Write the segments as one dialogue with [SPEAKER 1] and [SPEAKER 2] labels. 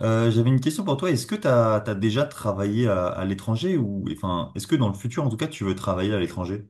[SPEAKER 1] J'avais une question pour toi. Est-ce que tu as, déjà travaillé à l'étranger ou enfin, est-ce que dans le futur, en tout cas, tu veux travailler à l'étranger?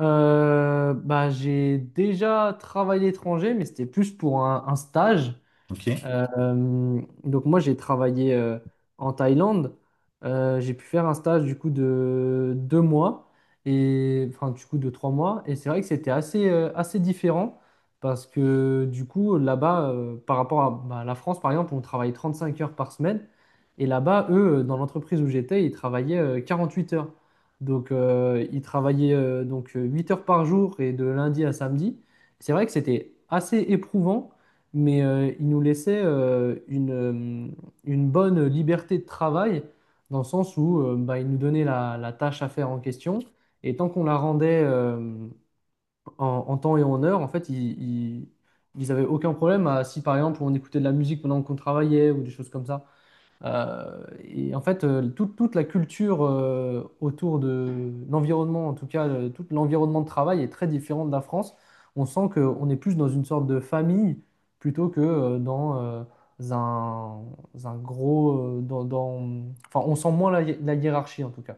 [SPEAKER 2] J'ai déjà travaillé à l'étranger, mais c'était plus pour un stage.
[SPEAKER 1] Ok.
[SPEAKER 2] Donc moi j'ai travaillé en Thaïlande. J'ai pu faire un stage du coup de deux mois et enfin du coup de trois mois, et c'est vrai que c'était assez assez différent, parce que du coup là-bas par rapport à la France par exemple, on travaille 35 heures par semaine, et là-bas eux dans l'entreprise où j'étais ils travaillaient 48 heures. Donc ils travaillaient 8 heures par jour, et de lundi à samedi. C'est vrai que c'était assez éprouvant, mais il nous laissait une bonne liberté de travail, dans le sens où il nous donnait la tâche à faire en question, et tant qu'on la rendait en temps et en heure, en fait, ils avaient aucun problème à, si par exemple on écoutait de la musique pendant qu'on travaillait ou des choses comme ça. Et en fait, toute la culture autour de l'environnement, en tout cas, tout l'environnement de travail est très différent de la France. On sent qu'on est plus dans une sorte de famille plutôt que dans un, un gros. Enfin, on sent moins la hiérarchie, en tout cas.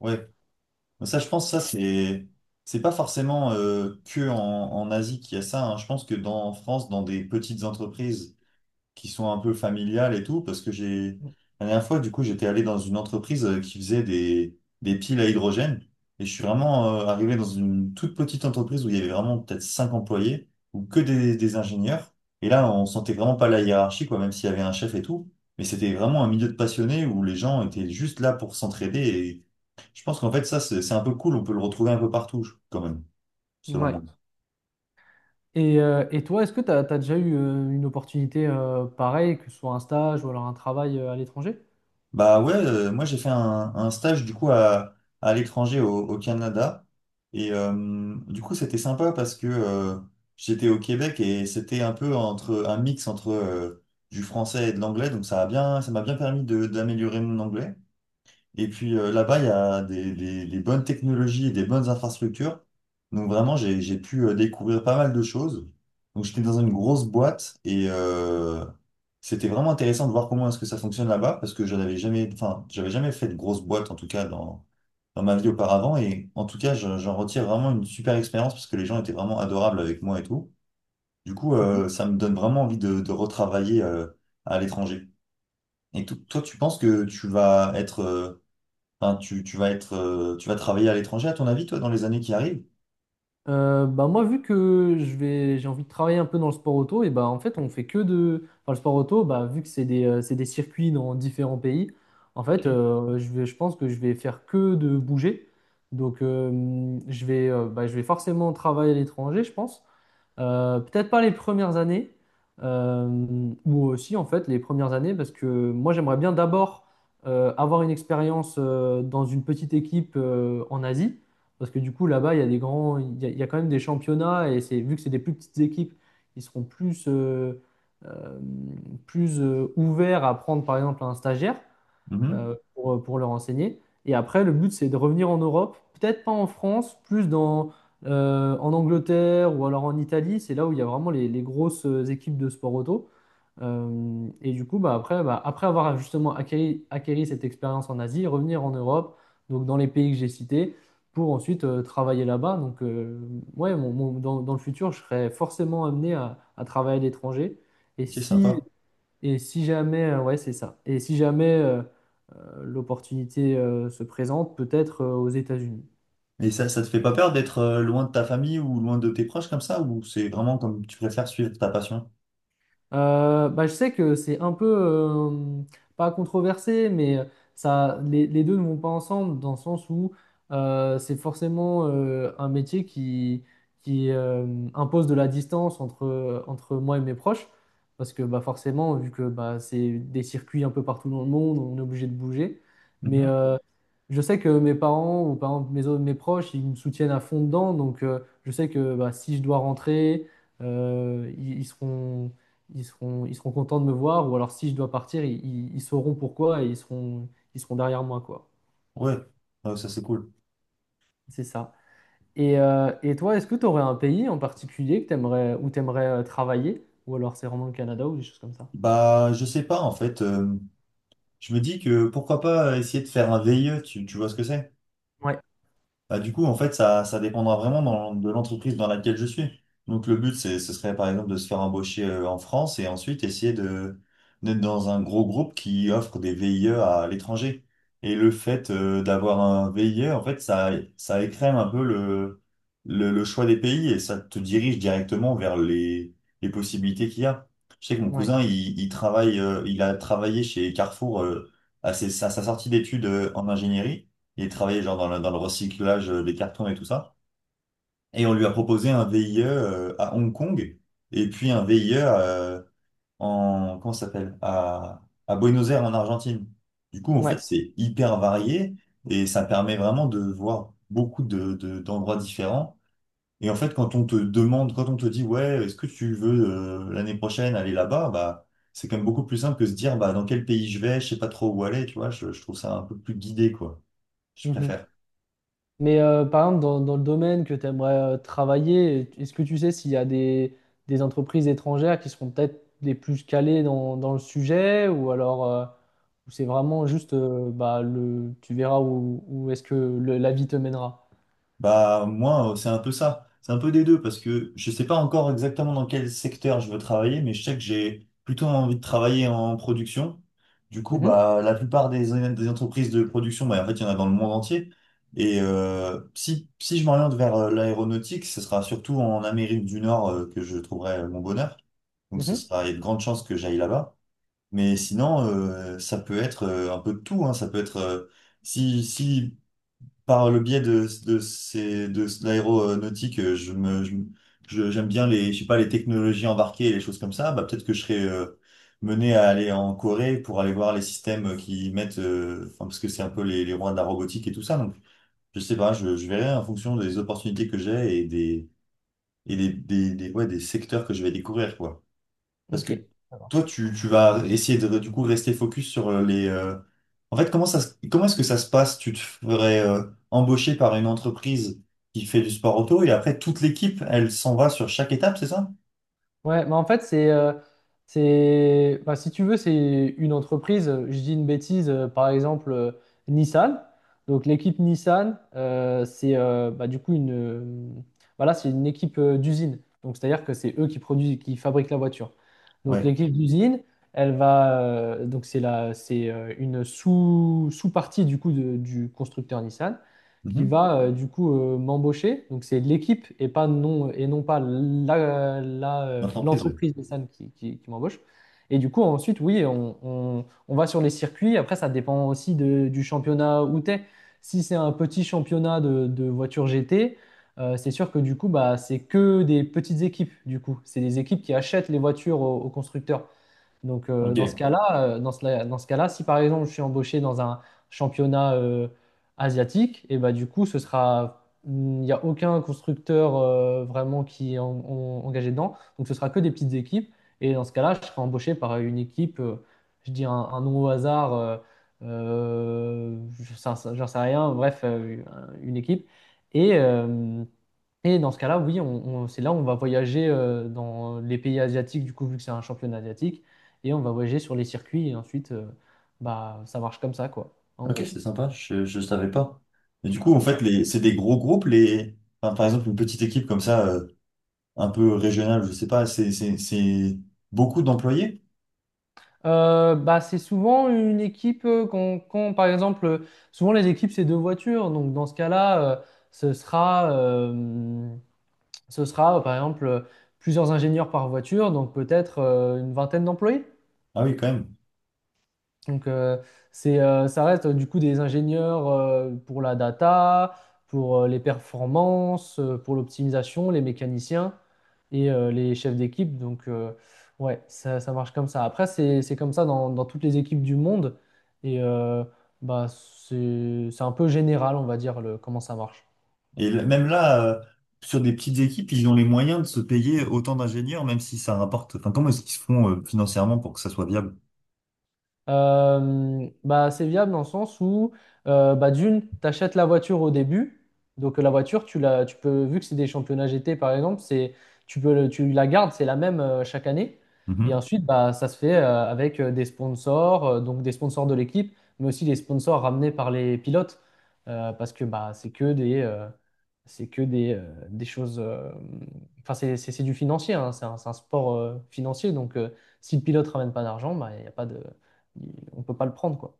[SPEAKER 1] Ouais. Ça, je pense que ça, c'est pas forcément que en Asie qu'il y a ça, hein. Je pense que dans en France, dans des petites entreprises qui sont un peu familiales et tout, parce que la dernière fois, du coup, j'étais allé dans une entreprise qui faisait des piles à hydrogène, et je suis vraiment arrivé dans une toute petite entreprise où il y avait vraiment peut-être cinq employés, ou que des ingénieurs, et là, on sentait vraiment pas la hiérarchie, quoi, même s'il y avait un chef et tout, mais c'était vraiment un milieu de passionnés où les gens étaient juste là pour s'entraider, et je pense qu'en fait, ça, c'est un peu cool, on peut le retrouver un peu partout, quand même, selon
[SPEAKER 2] Ouais.
[SPEAKER 1] moi.
[SPEAKER 2] Et toi, est-ce que tu as déjà eu une opportunité pareille, que ce soit un stage ou alors un travail à l'étranger?
[SPEAKER 1] Bah ouais, moi j'ai fait un stage du coup à l'étranger au Canada. Et du coup c'était sympa parce que j'étais au Québec et c'était un peu entre un mix entre du français et de l'anglais. Donc ça m'a bien permis d'améliorer mon anglais. Et puis là-bas, il y a des bonnes technologies et des bonnes infrastructures. Donc vraiment, j'ai pu découvrir pas mal de choses. Donc j'étais dans une grosse boîte et c'était vraiment intéressant de voir comment est-ce que ça fonctionne là-bas parce que je n'avais jamais, enfin, j'avais jamais fait de grosse boîte en tout cas dans ma vie auparavant. Et en tout cas, j'en retire vraiment une super expérience parce que les gens étaient vraiment adorables avec moi et tout. Du coup, ça me donne vraiment envie de retravailler à l'étranger. Et toi, tu penses que tu vas être, tu vas travailler à l'étranger, à ton avis, toi, dans les années qui arrivent?
[SPEAKER 2] Bah moi, vu que j'ai envie de travailler un peu dans le sport auto, et bah en fait, on fait que de. Enfin, le sport auto, bah, vu que c'est c'est des circuits dans différents pays, en fait, je pense que je vais faire que de bouger. Donc je vais forcément travailler à l'étranger, je pense. Peut-être pas les premières années, euh, ou aussi en fait les premières années, parce que moi j'aimerais bien d'abord avoir une expérience dans une petite équipe en Asie, parce que du coup là-bas il y a quand même des championnats, et c'est vu que c'est des plus petites équipes, ils seront euh, plus ouverts à prendre par exemple un stagiaire
[SPEAKER 1] Mhm.
[SPEAKER 2] pour leur enseigner. Et après, le but, c'est de revenir en Europe, peut-être pas en France, plus dans, en Angleterre ou alors en Italie. C'est là où il y a vraiment les grosses équipes de sport auto. Et du coup, bah, après avoir justement acquéri cette expérience en Asie, revenir en Europe, donc dans les pays que j'ai cités, pour ensuite travailler là-bas. Donc ouais, dans le futur, je serai forcément amené à travailler à l'étranger. Et
[SPEAKER 1] Ok,
[SPEAKER 2] si
[SPEAKER 1] sympa.
[SPEAKER 2] et si jamais, ouais, c'est ça. Et si jamais l'opportunité se présente, peut-être aux États-Unis.
[SPEAKER 1] Et ça te fait pas peur d'être loin de ta famille ou loin de tes proches comme ça, ou c'est vraiment comme tu préfères suivre ta passion?
[SPEAKER 2] Bah, je sais que c'est un peu, pas controversé, mais ça, les deux ne vont pas ensemble, dans le sens où c'est forcément un métier qui impose de la distance entre moi et mes proches. Parce que bah, forcément, vu que bah, c'est des circuits un peu partout dans le monde, on est obligé de bouger. Mais
[SPEAKER 1] Mhm.
[SPEAKER 2] euh, je sais que mes parents, ou par exemple mes proches, ils me soutiennent à fond dedans. Donc, je sais que bah, si je dois rentrer, euh, ils, ils seront, ils seront contents de me voir. Ou alors, si je dois partir, ils sauront pourquoi, et ils seront derrière moi, quoi.
[SPEAKER 1] Ouais, ouais, ça c'est cool.
[SPEAKER 2] C'est ça. Et toi, est-ce que tu aurais un pays en particulier que t'aimerais, où tu aimerais travailler? Ou alors, c'est vraiment le Canada ou des choses comme ça?
[SPEAKER 1] Bah, je sais pas, en fait, je me dis que pourquoi pas essayer de faire un VIE, tu vois ce que c'est?
[SPEAKER 2] Ouais,
[SPEAKER 1] Bah, du coup, en fait, ça dépendra vraiment de l'entreprise dans laquelle je suis. Donc, ce serait par exemple de se faire embaucher en France et ensuite essayer d'être dans un gros groupe qui offre des VIE à l'étranger. Et le fait d'avoir un VIE, en fait, ça écrème un peu le choix des pays et ça te dirige directement vers les possibilités qu'il y a. Je sais que mon
[SPEAKER 2] ouais,
[SPEAKER 1] cousin, il travaille, il a travaillé chez Carrefour à sa sortie d'études en ingénierie. Il travaillait genre dans dans le recyclage des cartons et tout ça. Et on lui a proposé un VIE à Hong Kong et puis un VIE comment ça s'appelle? À Buenos Aires en Argentine. Du coup, en fait,
[SPEAKER 2] ouais.
[SPEAKER 1] c'est hyper varié et ça permet vraiment de voir beaucoup d'endroits différents. Et en fait, quand on te dit, ouais, est-ce que tu veux l'année prochaine aller là-bas, bah, c'est quand même beaucoup plus simple que se dire, bah, dans quel pays je vais, je sais pas trop où aller, tu vois, je trouve ça un peu plus guidé, quoi. Je
[SPEAKER 2] Mhm.
[SPEAKER 1] préfère.
[SPEAKER 2] Mais par exemple, dans, dans le domaine que tu aimerais travailler, est-ce que tu sais s'il y a des entreprises étrangères qui seront peut-être les plus calées dans, dans le sujet, ou alors ou c'est vraiment juste tu verras où, où est-ce que la vie te mènera.
[SPEAKER 1] Bah moi, c'est un peu ça. C'est un peu des deux parce que je sais pas encore exactement dans quel secteur je veux travailler, mais je sais que j'ai plutôt envie de travailler en production. Du coup,
[SPEAKER 2] Mhm,
[SPEAKER 1] des entreprises de production, bah en fait, il y en a dans le monde entier. Et si je m'oriente vers l'aéronautique, ce sera surtout en Amérique du Nord que je trouverai mon bonheur. Donc ce
[SPEAKER 2] mhm,
[SPEAKER 1] sera, il y a de grandes chances que j'aille là-bas. Mais sinon, ça peut être un peu de tout, hein. Ça peut être si par le biais de l'aéronautique, je me, je- j'aime bien je sais pas, les technologies embarquées et les choses comme ça. Bah, peut-être que je serais mené à aller en Corée pour aller voir les systèmes enfin, parce que c'est un peu les rois de la robotique et tout ça. Donc, je sais pas, je verrai en fonction des opportunités que j'ai ouais, des secteurs que je vais découvrir, quoi. Parce
[SPEAKER 2] ok,
[SPEAKER 1] que
[SPEAKER 2] ça
[SPEAKER 1] toi,
[SPEAKER 2] marche.
[SPEAKER 1] tu vas essayer de, du coup, rester focus sur en fait, comment est-ce que ça se passe? Tu te ferais embaucher par une entreprise qui fait du sport auto et après, toute l'équipe, elle s'en va sur chaque étape, c'est ça?
[SPEAKER 2] Ouais, mais en fait, bah, si tu veux, c'est une entreprise, je dis une bêtise, par exemple, Nissan. Donc, l'équipe Nissan, c'est bah, du coup une, voilà, c'est une équipe d'usine. Donc, c'est-à-dire que c'est eux qui produisent, qui fabriquent la voiture. Donc,
[SPEAKER 1] Ouais.
[SPEAKER 2] l'équipe d'usine, donc c'est c'est une sous-partie du coup du constructeur Nissan qui
[SPEAKER 1] Mhm.
[SPEAKER 2] va m'embaucher. Donc c'est l'équipe, et pas non et non pas
[SPEAKER 1] L'entreprise, ouais.
[SPEAKER 2] l'entreprise Nissan qui qui m'embauche. Et du coup ensuite oui on va sur les circuits. Après ça dépend aussi du championnat où t'es. Si c'est un petit championnat de voitures GT, c'est sûr que du coup bah c'est que des petites équipes du coup. C'est des équipes qui achètent les voitures aux constructeurs. Donc, euh,
[SPEAKER 1] Ok.
[SPEAKER 2] dans ce cas-là, euh, dans ce, dans ce cas-là, si par exemple je suis embauché dans un championnat asiatique, et bah, du coup, il n'y a aucun constructeur vraiment qui est engagé dedans. Donc, ce sera que des petites équipes. Et dans ce cas-là, je serai embauché par une équipe, je dis un nom au hasard, euh, j'en sais rien, bref, une équipe. Et. euh, et dans ce cas-là, oui, c'est là où on va voyager dans les pays asiatiques, du coup, vu que c'est un championnat asiatique, et on va voyager sur les circuits, et ensuite, ça marche comme ça, quoi, en
[SPEAKER 1] Ok,
[SPEAKER 2] gros.
[SPEAKER 1] c'est sympa. Je savais pas. Et du coup, en
[SPEAKER 2] C'est
[SPEAKER 1] fait,
[SPEAKER 2] ça.
[SPEAKER 1] c'est des gros groupes, les... enfin, par exemple, une petite équipe comme ça, un peu régionale, je sais pas, c'est beaucoup d'employés?
[SPEAKER 2] Bah, c'est souvent une équipe, quand, par exemple, souvent les équipes, c'est deux voitures, donc dans ce cas-là, ce sera, euh, ce sera, par exemple, plusieurs ingénieurs par voiture, donc peut-être une vingtaine d'employés.
[SPEAKER 1] Ah oui, quand même.
[SPEAKER 2] Donc, ça reste du coup des ingénieurs pour la data, pour les performances, pour l'optimisation, les mécaniciens, et les chefs d'équipe. Donc, ouais, ça marche comme ça. Après, c'est comme ça dans, dans toutes les équipes du monde. Et bah, c'est un peu général, on va dire, comment ça marche.
[SPEAKER 1] Et même là, sur des petites équipes, ils ont les moyens de se payer autant d'ingénieurs, même si ça rapporte. Enfin, comment est-ce qu'ils se font financièrement pour que ça soit viable?
[SPEAKER 2] Bah, c'est viable dans le sens où, bah, d'une, tu achètes la voiture au début. Donc, la voiture, tu peux, vu que c'est des championnats GT par exemple, c'est, tu peux, tu la gardes, c'est la même chaque année. Et
[SPEAKER 1] Mhm.
[SPEAKER 2] ensuite, bah, ça se fait avec des sponsors, donc des sponsors de l'équipe, mais aussi des sponsors ramenés par les pilotes. Parce que bah, c'est que c'est que des choses. Enfin, c'est du financier, hein, c'est un sport financier. Donc, si le pilote ramène pas d'argent, bah, il n'y a pas de on peut pas le prendre, quoi.